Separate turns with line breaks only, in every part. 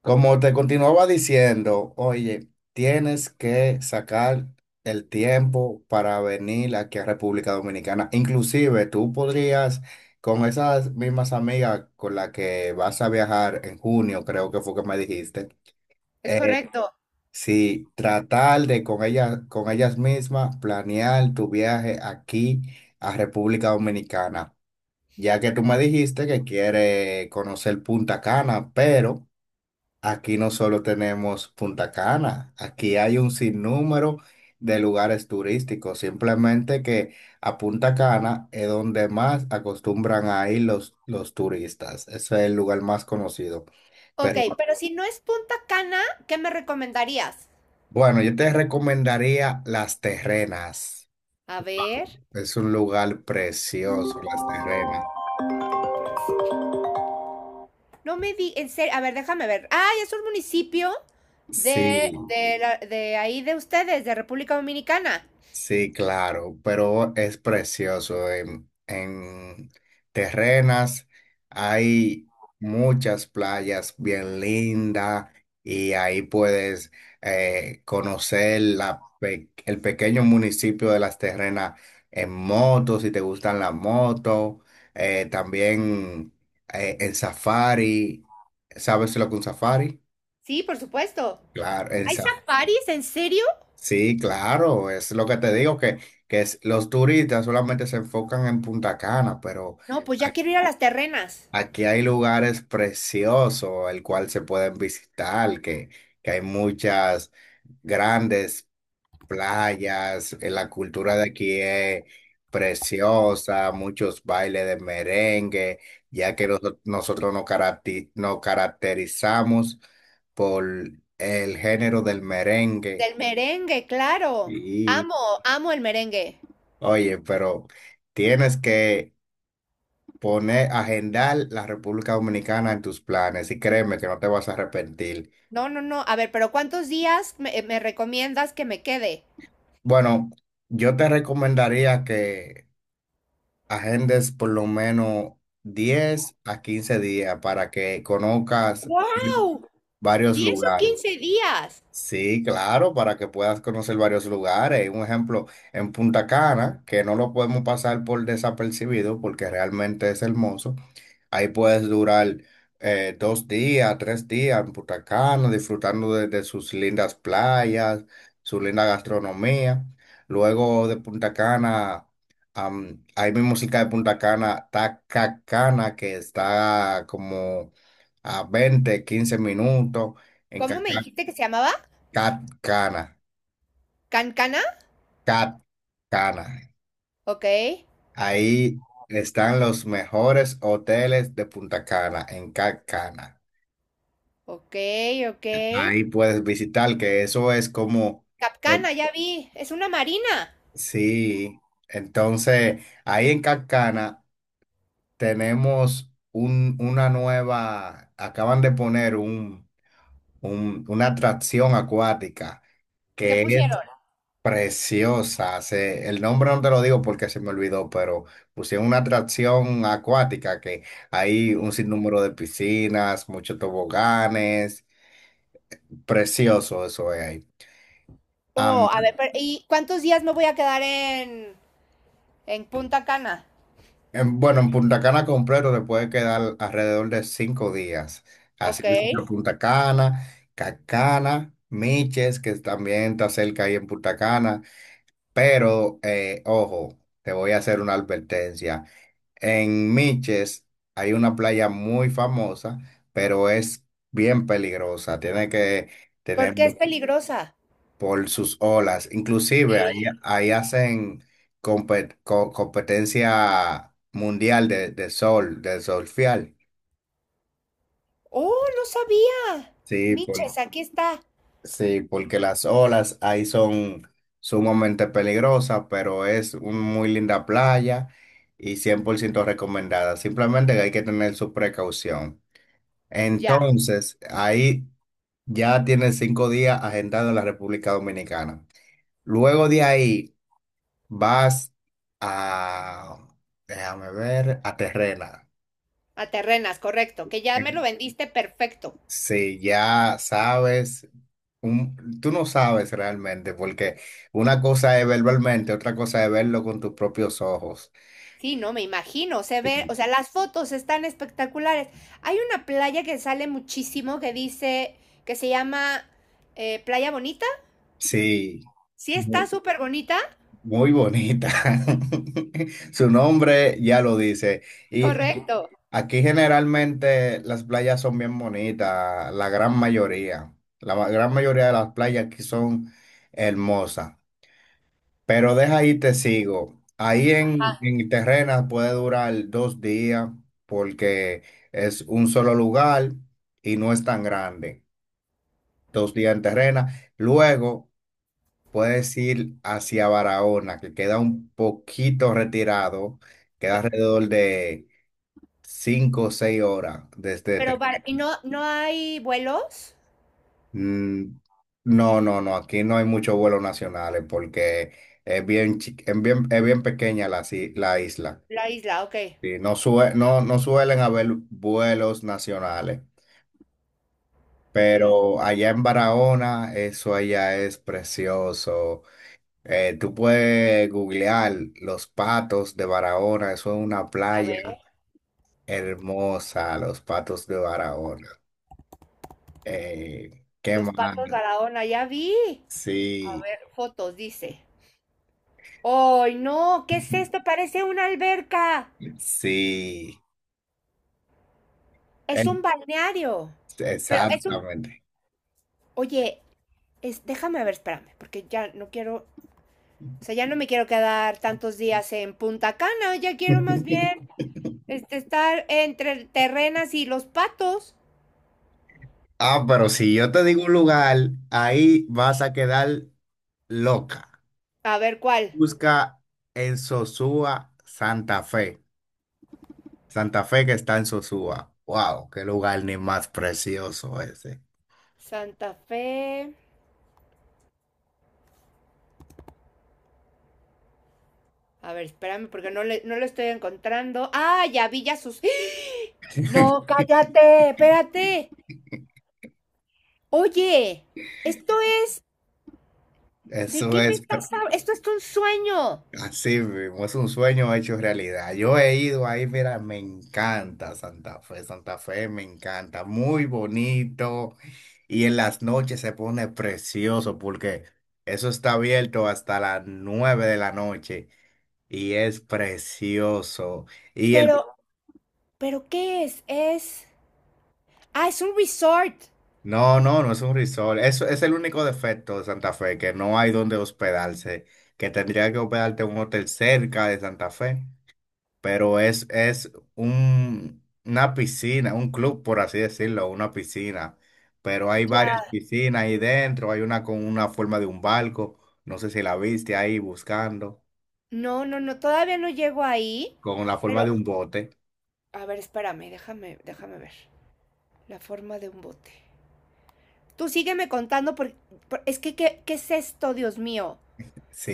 Como te continuaba diciendo, oye, tienes que sacar el tiempo para venir aquí a República Dominicana. Inclusive tú podrías, con esas mismas amigas con las que vas a viajar en junio, creo que fue que me dijiste,
Es
eh,
correcto.
sí, tratar de con ellas mismas planear tu viaje aquí a República Dominicana. Ya que tú me dijiste que quieres conocer Punta Cana, pero. Aquí no solo tenemos Punta Cana, aquí hay un sinnúmero de lugares turísticos, simplemente que a Punta Cana es donde más acostumbran a ir los turistas. Ese es el lugar más conocido.
Ok,
Pero
pero si no es Punta Cana, ¿qué me recomendarías?
bueno, yo te recomendaría Las Terrenas,
A ver,
es un lugar precioso, Las Terrenas.
no me di, en serio, a ver, déjame ver. Ay, es un municipio
Sí.
la- de ahí de ustedes, de República Dominicana.
Sí, claro, pero es precioso. En Terrenas hay muchas playas bien lindas y ahí puedes conocer el pequeño municipio de Las Terrenas en moto, si te gustan las motos, también en safari. ¿Sabes lo que es un safari?
Sí, por supuesto.
Claro, en
¿Hay
Ujú.
safaris? ¿En serio?
Sí, claro, es lo que te digo, los turistas solamente se enfocan en Punta Cana, pero
No, pues ya quiero ir a las terrenas.
aquí hay lugares preciosos, el cual se pueden visitar, que hay muchas grandes playas, la cultura de aquí es preciosa, muchos bailes de merengue, ya que nosotros nos caracterizamos por el género del merengue.
Del merengue, claro. Amo, amo el merengue.
Oye, pero tienes que poner, agendar la República Dominicana en tus planes y créeme que no te vas a arrepentir.
No, no, no. A ver, pero ¿cuántos días me recomiendas que me quede?
Bueno, yo te recomendaría que agendes por lo menos 10 a 15 días para que conozcas
¡Wow!
varios
Diez o
lugares.
quince días?
Sí, claro, para que puedas conocer varios lugares. Un ejemplo, en Punta Cana, que no lo podemos pasar por desapercibido porque realmente es hermoso. Ahí puedes durar 2 días, 3 días en Punta Cana, disfrutando de sus lindas playas, su linda gastronomía. Luego de Punta Cana, ahí mismo cerca de Punta Cana, Tacacana, que está como a 20, 15 minutos. En
¿Cómo me
Cacana
dijiste que se llamaba?
Cat Cana,
¿Cancana?
Cat Cana.
Ok,
Ahí están los mejores hoteles de Punta Cana, en Cat Cana.
ok, ok.
Ahí puedes visitar, que eso es como, como-
Capcana, ya vi. Es una marina.
sí. Entonces, ahí en Cat Cana tenemos un, una nueva, acaban de poner una atracción acuática,
¿Qué
que es
pusieron?
preciosa. El nombre no te lo digo porque se me olvidó, pero pusieron una atracción acuática que hay un sinnúmero de piscinas, muchos toboganes, precioso eso es ahí.
Oh,
Am,
a ver, pero- ¿y cuántos días me voy a quedar en Punta Cana?
bueno, en Punta Cana completo te puede quedar alrededor de 5 días. Así
Ok.
que por Punta Cana, Cacana, Miches, que también está cerca ahí en Punta Cana, pero ojo, te voy a hacer una advertencia. En Miches hay una playa muy famosa, pero es bien peligrosa. Tiene que
¿Por
tener
qué es peligrosa?
por sus olas. Inclusive ahí hacen competencia mundial de sol, de surfear.
Oh, no sabía.
Sí, por-
Miches, aquí está.
sí, porque las olas ahí son sumamente peligrosas, pero es una muy linda playa y 100% recomendada. Simplemente que hay que tener su precaución.
Ya,
Entonces, ahí ya tienes 5 días agendado en la República Dominicana. Luego de ahí vas a, déjame ver, a Terrena.
a terrenas, correcto. Que ya me lo vendiste perfecto.
Si ya sabes, tú no sabes realmente, porque una cosa es verbalmente, otra cosa es verlo con tus propios ojos.
Sí, no, me imagino, se ve, o sea, las fotos están espectaculares. Hay una playa que sale muchísimo que dice, que se llama Playa Bonita.
Sí.
Sí, está
Sí.
súper bonita.
Muy bonita. Su nombre ya lo dice. Y aquí,
Correcto.
aquí generalmente las playas son bien bonitas, la gran mayoría. La gran mayoría de las playas aquí son hermosas. Pero deja ahí te sigo. Ahí en Terrenas puede durar 2 días porque es un solo lugar y no es tan grande. 2 días en Terrenas. Luego. Puedes ir hacia Barahona, que queda un poquito retirado, queda
Ba-
alrededor de 5 o 6 horas desde
Pero, bar- ¿y
Tequil.
no, no hay vuelos?
Mm, no, no, no, aquí no hay muchos vuelos nacionales porque es bien, chi- es bien pequeña la isla.
La isla, ok.
Sí, no, no suelen haber vuelos nacionales,
Mm,
pero allá en Barahona, eso allá es precioso. Tú puedes googlear Los Patos de Barahona, eso es una
a ver,
playa hermosa, Los Patos de Barahona. ¿Qué
los
más?
patos Barahona, ya vi. A
Sí,
ver, fotos, dice. ¡Ay, no! ¿Qué es esto? Parece una alberca.
sí,
Es
e-
un balneario. Pero es un...
exactamente.
Oye, es, déjame ver, espérame, porque ya no quiero, o sea, ya no me quiero quedar tantos días en Punta Cana, ya quiero más bien este, estar entre Terrenas y Los Patos.
Ah, pero si yo te digo un lugar, ahí vas a quedar loca.
A ver cuál.
Busca en Sosúa, Santa Fe. Santa Fe que está en Sosúa. Wow, qué lugar ni más precioso ese.
Santa Fe. A ver, espérame, porque no lo estoy encontrando. Ah, ya vi ya sus... ¡Ah! No, cállate, espérate. Oye, esto es... ¿De
Eso
qué me
es per-
estás hablando? Esto es un sueño.
así mismo, es un sueño hecho realidad. Yo he ido ahí, mira, me encanta Santa Fe, Santa Fe me encanta, muy bonito y en las noches se pone precioso porque eso está abierto hasta las 9 de la noche y es precioso. Y el,
Pero, ¿Pero qué es? Es... Ah, es un resort.
no, no, no es un resort, eso es el único defecto de Santa Fe, que no hay donde hospedarse, que tendría que hospedarte en un hotel cerca de Santa Fe. Pero es un, una piscina, un club, por así decirlo, una piscina. Pero hay
Ya.
varias piscinas ahí dentro, hay una con una forma de un barco, no sé si la viste ahí buscando,
No, no, no, todavía no llego ahí,
con la
pero
forma de un bote.
a ver, espérame, déjame ver. La forma de un bote. Tú sígueme contando porque es que ¿qué es esto, Dios mío?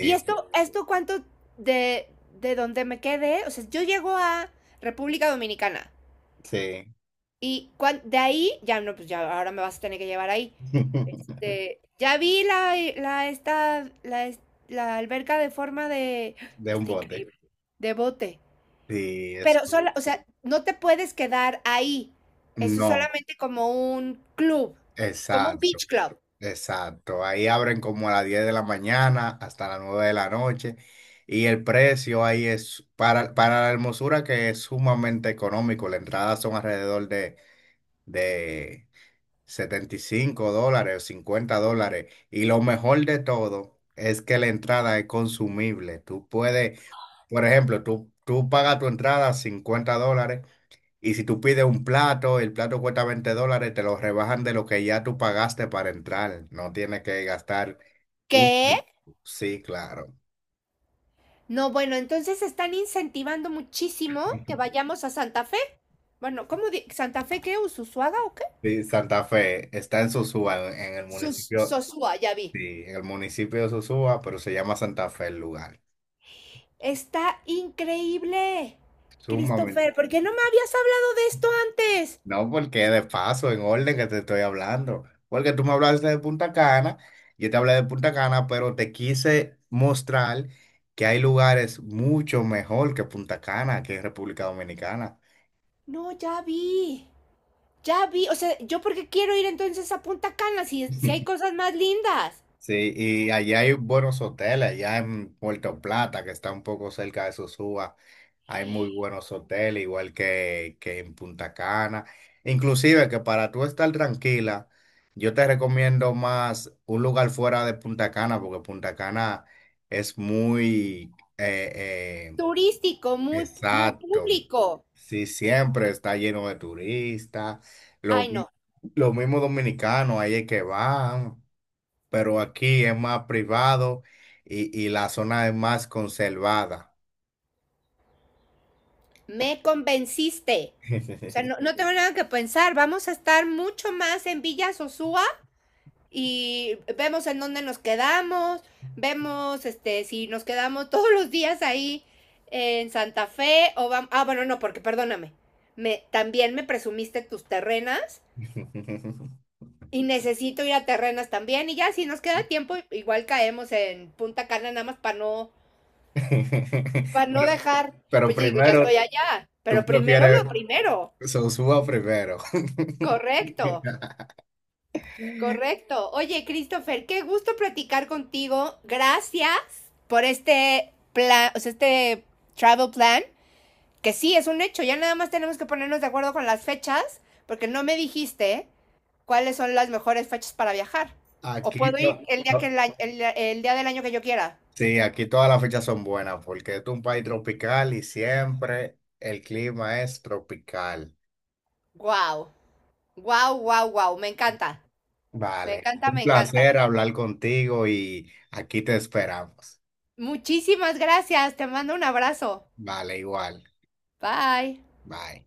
¿Y esto cuánto de de donde me quedé? O sea, yo llego a República Dominicana
sí,
y cuan- de ahí ya no, pues ya ahora me vas a tener que llevar ahí. Este, ya vi es- la alberca de forma de ¡ah!
de un
Está
bote.
increíble. De bote.
Sí,
Pero
eso.
sola, o sea, no te puedes quedar ahí. Eso es
No,
solamente como un club, como un
exacto.
beach club.
Exacto, ahí abren como a las 10 de la mañana hasta las 9 de la noche y el precio ahí es para la hermosura que es sumamente económico, la entrada son alrededor de $75 o $50 y lo mejor de todo es que la entrada es consumible, tú puedes, por ejemplo, tú pagas tu entrada $50 y si tú pides un plato, el plato cuesta $20, te lo rebajan de lo que ya tú pagaste para entrar. No tienes que gastar un...
¿Qué?
Sí, claro.
No, bueno, entonces están incentivando muchísimo que vayamos a Santa Fe. Bueno, ¿cómo di- Santa Fe qué? ¿Usuaga o qué?
Sí, Santa Fe está en Sosúa, en el
Sus
municipio,
Sosúa, ya vi.
sí, en el municipio de Sosúa, pero se llama Santa Fe el lugar.
Está increíble.
Sumamente
Christopher, ¿por qué no me habías hablado de esto antes?
No, porque de paso, en orden que te estoy hablando. Porque tú me hablaste de Punta Cana, yo te hablé de Punta Cana, pero te quise mostrar que hay lugares mucho mejor que Punta Cana, que en República Dominicana.
No, ya vi. Ya vi. O sea, ¿yo por qué quiero ir entonces a Punta Cana si, si hay cosas más lindas?
Sí, y allá hay buenos hoteles, allá en Puerto Plata, que está un poco cerca de Sosúa, hay muy buenos hoteles, igual que en Punta Cana. Inclusive que para tú estar tranquila, yo te recomiendo más un lugar fuera de Punta Cana, porque Punta Cana es muy eh,
Turístico, muy, muy
exacto.
público.
Sí, siempre está lleno de turistas, lo,
Ay,
mi-
no,
lo mismo dominicanos, ahí es que van pero aquí es más privado y la zona es más conservada.
me convenciste. O sea, no, no tengo nada que pensar. Vamos a estar mucho más en Villa Sosúa y vemos en dónde nos quedamos, vemos este si nos quedamos todos los días ahí en Santa Fe o vamos... Ah, bueno, no, porque perdóname. También me presumiste tus terrenas y necesito ir a terrenas también y ya si nos queda tiempo igual caemos en Punta Cana nada más para no
Pero,
dejar,
pero
pues yo digo, ya
primero,
estoy allá,
tú
pero primero
prefieres
lo primero.
Sosúa primero.
Correcto, correcto. Oye, Christopher, qué gusto platicar contigo. Gracias por este plan, o sea, este travel plan, que sí, es un hecho. Ya nada más tenemos que ponernos de acuerdo con las fechas, porque no me dijiste cuáles son las mejores fechas para viajar. O
Aquí,
puedo
to-
ir el día, que
to-
el día del año que yo quiera.
sí, aquí todas las fechas son buenas porque es un país tropical y siempre el clima es tropical.
Wow, wow, wow, wow. Me encanta, me
Vale,
encanta,
un
me encanta.
placer hablar contigo y aquí te esperamos.
Muchísimas gracias, te mando un abrazo.
Vale, igual.
Bye.
Bye.